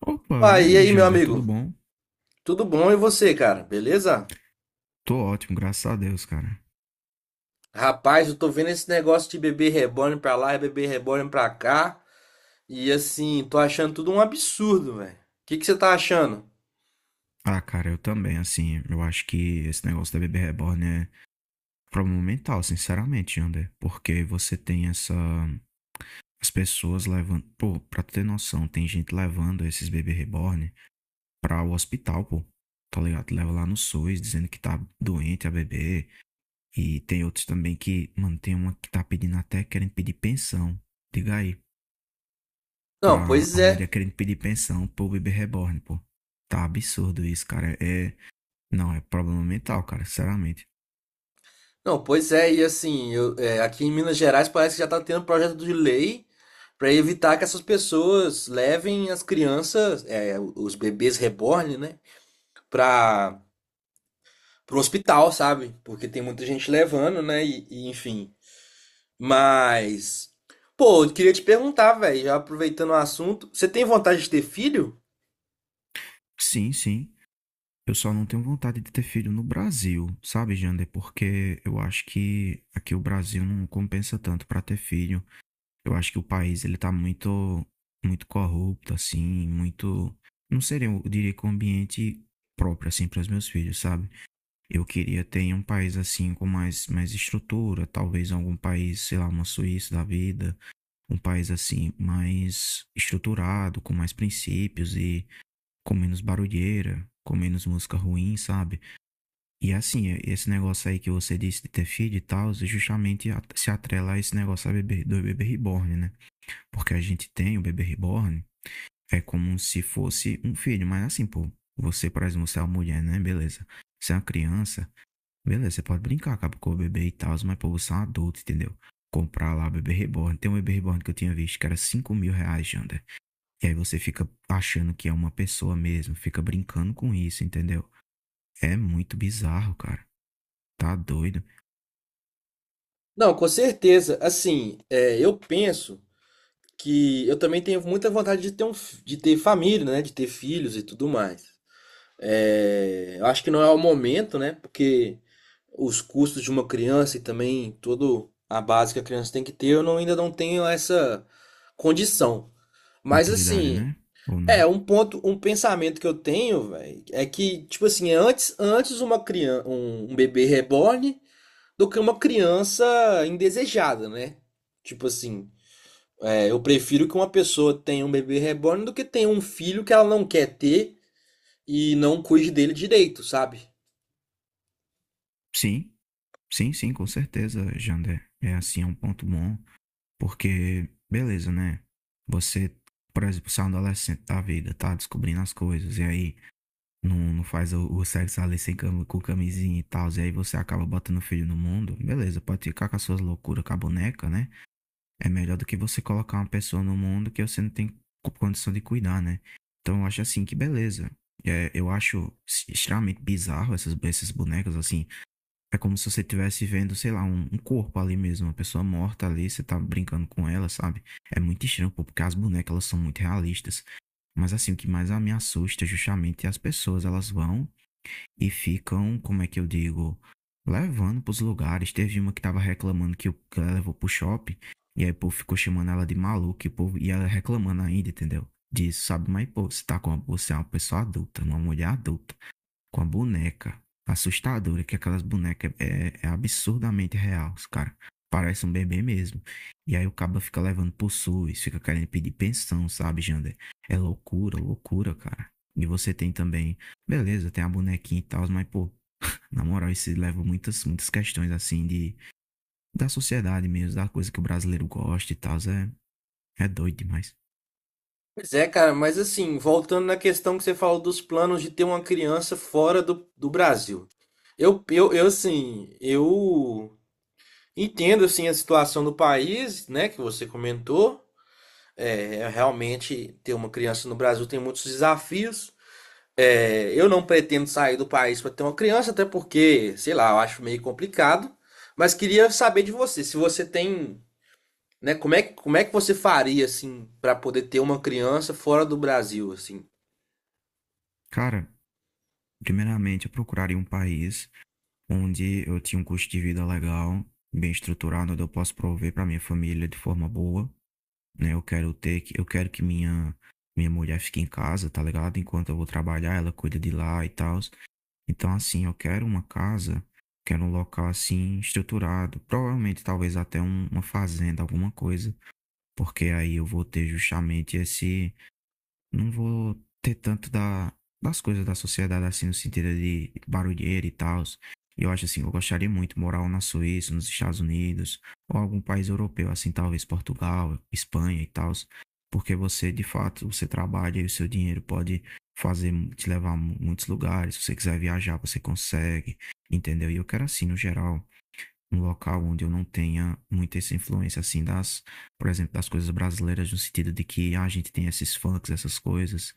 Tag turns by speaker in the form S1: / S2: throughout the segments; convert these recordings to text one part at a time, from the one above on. S1: Opa, e
S2: Opa, e
S1: aí,
S2: aí, meu
S1: Jander, tudo
S2: amigo?
S1: bom?
S2: Tudo bom e você, cara? Beleza?
S1: Tô ótimo, graças a Deus, cara.
S2: Rapaz, eu tô vendo esse negócio de bebê reborn pra lá e bebê reborn pra cá. E assim, tô achando tudo um absurdo, velho. O que você tá achando?
S1: Ah, cara, eu também, assim, eu acho que esse negócio da bebê reborn é um problema mental, sinceramente, Jander. Porque você tem essa. As pessoas levando. Pô, pra tu ter noção, tem gente levando esses bebê reborn pra o hospital, pô. Tá ligado? Leva lá no SUS dizendo que tá doente a bebê. E tem outros também que, mano, tem uma que tá pedindo até, querendo pedir pensão. Diga aí.
S2: Não,
S1: Pra
S2: pois
S1: a mulher
S2: é.
S1: querendo pedir pensão pro bebê reborn, pô. Tá absurdo isso, cara. Não, é problema mental, cara, sinceramente.
S2: Não, pois é. E assim, aqui em Minas Gerais parece que já tá tendo projeto de lei pra evitar que essas pessoas levem as crianças, é, os bebês reborn, né? Pra, pro hospital, sabe? Porque tem muita gente levando, né? Enfim. Mas, pô, eu queria te perguntar, velho, já aproveitando o assunto, você tem vontade de ter filho?
S1: Sim, sim. Eu só não tenho vontade de ter filho no Brasil, sabe, Jander? Porque eu acho que aqui o Brasil não compensa tanto pra ter filho. Eu acho que o país ele tá muito corrupto assim, muito não seria, eu diria que um ambiente próprio assim para os meus filhos, sabe? Eu queria ter um país assim com mais estrutura, talvez algum país, sei lá, uma Suíça da vida, um país assim mais estruturado, com mais princípios e com menos barulheira, com menos música ruim, sabe? E assim, esse negócio aí que você disse de ter filho e tal, é justamente se atrela a esse negócio da do bebê reborn, né? Porque a gente tem o bebê reborn, é como se fosse um filho, mas assim, pô, você, por exemplo, você é uma mulher, né? Beleza. Você é uma criança. Beleza, você pode brincar, acaba com o bebê e tal, mas pô, você é um adulto, entendeu? Comprar lá bebê reborn. Tem um bebê reborn que eu tinha visto que era 5 mil reais, Jander. E aí você fica achando que é uma pessoa mesmo, fica brincando com isso, entendeu? É muito bizarro, cara. Tá doido.
S2: Não, com certeza. Assim, é, eu penso que eu também tenho muita vontade de ter de ter família, né? De ter filhos e tudo mais. É, eu acho que não é o momento, né? Porque os custos de uma criança e também toda a base que a criança tem que ter, eu não- ainda não tenho essa condição. Mas
S1: Maturidade,
S2: assim,
S1: né? Ou não?
S2: é, um ponto, um pensamento que eu tenho, velho, é que, tipo assim, é antes uma criança, um bebê reborn do que uma criança indesejada, né? Tipo assim, é, eu prefiro que uma pessoa tenha um bebê reborn do que tenha um filho que ela não quer ter e não cuide dele direito, sabe?
S1: Sim, sim, sim, com certeza, Jander. É assim, é um ponto bom, porque, beleza, né? Você, por exemplo, você é um adolescente da vida, tá descobrindo as coisas, e aí não, não faz o sexo ali sem cam- com camisinha e tal, e aí você acaba botando filho no mundo. Beleza, pode ficar com as suas loucuras com a boneca, né? É melhor do que você colocar uma pessoa no mundo que você não tem condição de cuidar, né? Então eu acho assim que beleza. Eu acho extremamente bizarro esses bonecas assim. É como se você estivesse vendo, sei lá, um corpo ali mesmo, uma pessoa morta ali, você tá brincando com ela, sabe? É muito estranho, pô, porque as bonecas elas são muito realistas. Mas assim, o que mais me assusta é justamente as pessoas, elas vão e ficam, como é que eu digo, levando pros lugares. Teve uma que tava reclamando que ela levou pro shopping, e aí o povo ficou chamando ela de maluca, e, o povo, e ela reclamando ainda, entendeu? Disso, sabe? Mas, pô, você tá com uma, você é uma pessoa adulta, uma mulher adulta com a boneca assustadora, que aquelas bonecas é absurdamente real, cara. Parece um bebê mesmo. E aí o cabo fica levando pro SUS, fica querendo pedir pensão, sabe, Jander? É loucura, loucura, cara. E você tem também, beleza, tem a bonequinha e tal, mas, pô, na moral, isso leva muitas questões, assim, de, da sociedade mesmo, da coisa que o brasileiro gosta e tal, é doido demais.
S2: Pois é, cara, mas assim, voltando na questão que você falou dos planos de ter uma criança fora do Brasil. Eu, assim, eu entendo assim a situação do país, né, que você comentou. É, realmente ter uma criança no Brasil tem muitos desafios. É, eu não pretendo sair do país para ter uma criança, até porque, sei lá, eu acho meio complicado. Mas queria saber de você, se você tem, né, como é que você faria assim para poder ter uma criança fora do Brasil, assim?
S1: Cara, primeiramente, eu procuraria um país onde eu tinha um custo de vida legal, bem estruturado, onde eu posso prover para minha família de forma boa, né? Eu quero que minha mulher fique em casa, tá ligado? Enquanto eu vou trabalhar, ela cuida de lá e tal. Então, assim, eu quero uma casa, quero um local assim estruturado, provavelmente talvez uma fazenda, alguma coisa, porque aí eu vou ter justamente esse não vou ter tanto das coisas da sociedade, assim, no sentido de barulheira e tal. Eu acho assim, eu gostaria muito de morar na Suíça, nos Estados Unidos, ou algum país europeu, assim, talvez Portugal, Espanha e tal, porque você, de fato, você trabalha e o seu dinheiro pode fazer, te levar a muitos lugares, se você quiser viajar, você consegue, entendeu? E eu quero assim, no geral, um local onde eu não tenha muita essa influência assim por exemplo, das coisas brasileiras, no sentido de que ah, a gente tem esses funks, essas coisas,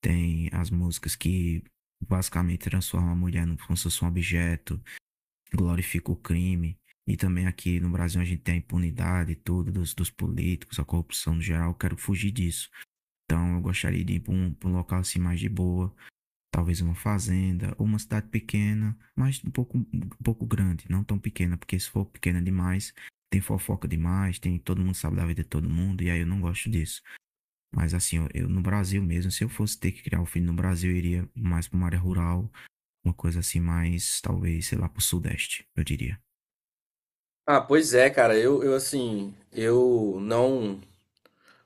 S1: tem as músicas que basicamente transformam a mulher como se fosse um objeto, glorifica o crime. E também aqui no Brasil a gente tem a impunidade e tudo dos políticos, a corrupção no geral. Eu quero fugir disso. Então eu gostaria de ir para um local assim mais de boa, talvez uma fazenda, ou uma cidade pequena, mas um pouco grande, não tão pequena, porque se for pequena demais, tem fofoca demais, tem todo mundo sabe da vida de todo mundo, e aí eu não gosto disso. Mas assim, eu no Brasil mesmo, se eu fosse ter que criar um filho no Brasil, eu iria mais para uma área rural, uma coisa assim mais, talvez, sei lá, para o Sudeste, eu diria.
S2: Ah, pois é, cara. Eu, assim, eu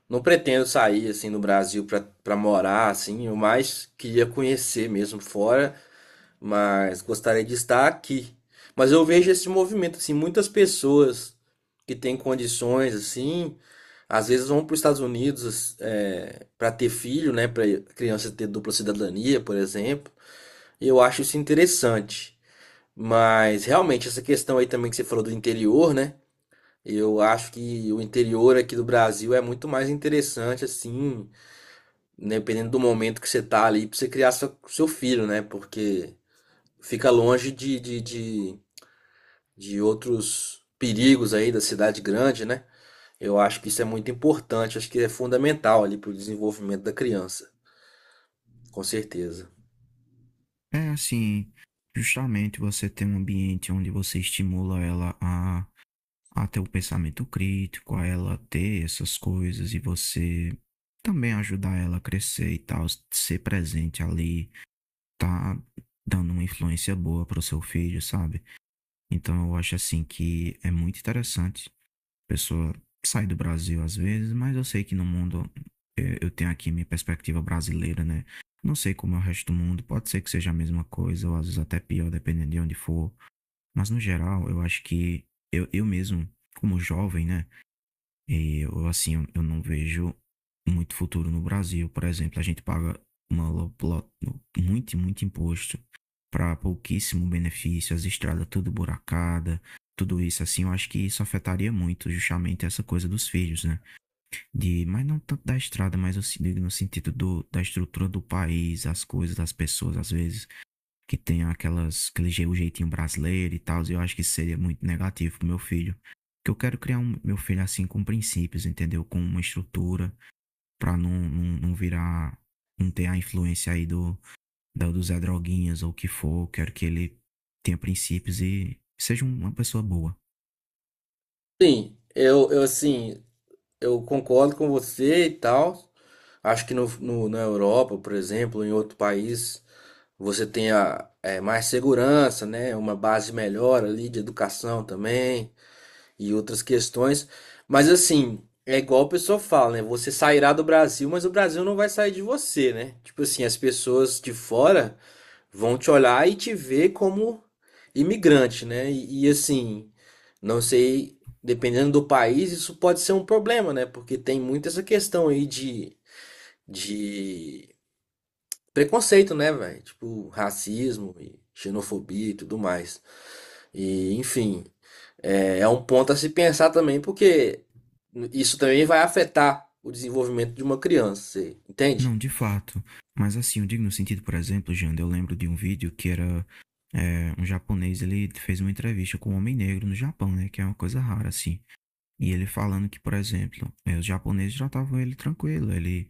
S2: não pretendo sair assim no Brasil para morar assim, eu mais queria conhecer mesmo fora, mas gostaria de estar aqui. Mas eu vejo esse movimento assim, muitas pessoas que têm condições assim, às vezes vão para os Estados Unidos para ter filho, né, para criança ter dupla cidadania, por exemplo. E eu acho isso interessante. Mas realmente essa questão aí também que você falou do interior, né? Eu acho que o interior aqui do Brasil é muito mais interessante assim, né, dependendo do momento que você tá ali, pra você criar seu filho, né? Porque fica longe de outros perigos aí da cidade grande, né? Eu acho que isso é muito importante, acho que é fundamental ali pro desenvolvimento da criança, com certeza.
S1: É assim, justamente você ter um ambiente onde você estimula ela a ter o pensamento crítico, a ela ter essas coisas e você também ajudar ela a crescer e tal, ser presente ali, tá dando uma influência boa pro seu filho, sabe? Então eu acho assim que é muito interessante. A pessoa sai do Brasil às vezes, mas eu sei que no mundo eu tenho aqui minha perspectiva brasileira, né? Não sei como é o resto do mundo, pode ser que seja a mesma coisa, ou às vezes até pior, dependendo de onde for. Mas no geral, eu acho que eu mesmo, como jovem, né? E eu, assim, eu não vejo muito futuro no Brasil. Por exemplo, a gente paga uma, lo- lo- muito imposto para pouquíssimo benefício, as estradas tudo buracada, tudo isso assim, eu acho que isso afetaria muito justamente essa coisa dos filhos, né? De, mas não tanto da estrada, mas eu se- digo no sentido da estrutura do país, as coisas, das pessoas, às vezes que tenha aquelas, o jeitinho brasileiro e tal, eu acho que isso seria muito negativo pro meu filho. Que eu quero criar um, meu filho assim com princípios, entendeu? Com uma estrutura pra não virar, não ter a influência aí do Zé Droguinhas ou o que for. Eu quero que ele tenha princípios e seja uma pessoa boa.
S2: Sim, eu, assim, eu concordo com você e tal. Acho que na Europa, por exemplo, em outro país, você tem a, é, mais segurança, né? Uma base melhor ali de educação também, e outras questões. Mas assim, é igual o pessoal fala, né? Você sairá do Brasil, mas o Brasil não vai sair de você, né? Tipo assim, as pessoas de fora vão te olhar e te ver como imigrante, né? E assim, não sei, dependendo do país, isso pode ser um problema, né? Porque tem muito essa questão aí de preconceito, né, velho? Tipo, racismo e xenofobia e tudo mais. E, enfim. É, é um ponto a se pensar também, porque isso também vai afetar o desenvolvimento de uma criança, você entende?
S1: Não, de fato. Mas assim, eu digo no sentido, por exemplo, Janda, eu lembro de um vídeo que era um japonês, ele fez uma entrevista com um homem negro no Japão, né? Que é uma coisa rara, assim. E ele falando que, por exemplo, os japoneses tratavam ele tranquilo. Ele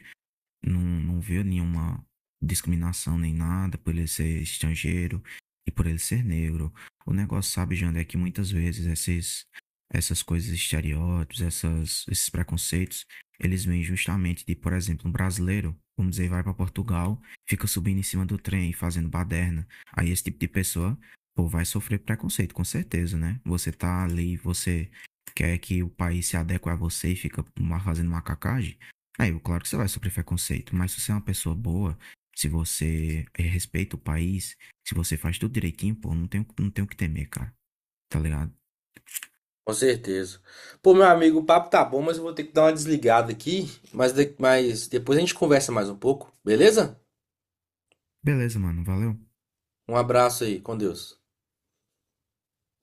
S1: não viu nenhuma discriminação nem nada por ele ser estrangeiro e por ele ser negro. O negócio, sabe, Jander, é que muitas vezes essas coisas, estereótipos, esses preconceitos, eles vêm justamente de, por exemplo, um brasileiro, vamos dizer, vai para Portugal, fica subindo em cima do trem, fazendo baderna. Aí esse tipo de pessoa, pô, vai sofrer preconceito, com certeza, né? Você tá ali, você quer que o país se adeque a você e fica fazendo macacagem. Claro que você vai sofrer preconceito, mas se você é uma pessoa boa, se você respeita o país, se você faz tudo direitinho, pô, não tem o que temer, cara. Tá ligado?
S2: Com certeza. Pô, meu amigo, o papo tá bom, mas eu vou ter que dar uma desligada aqui, mas, mas depois a gente conversa mais um pouco, beleza?
S1: Beleza, mano, valeu.
S2: Um abraço aí, com Deus.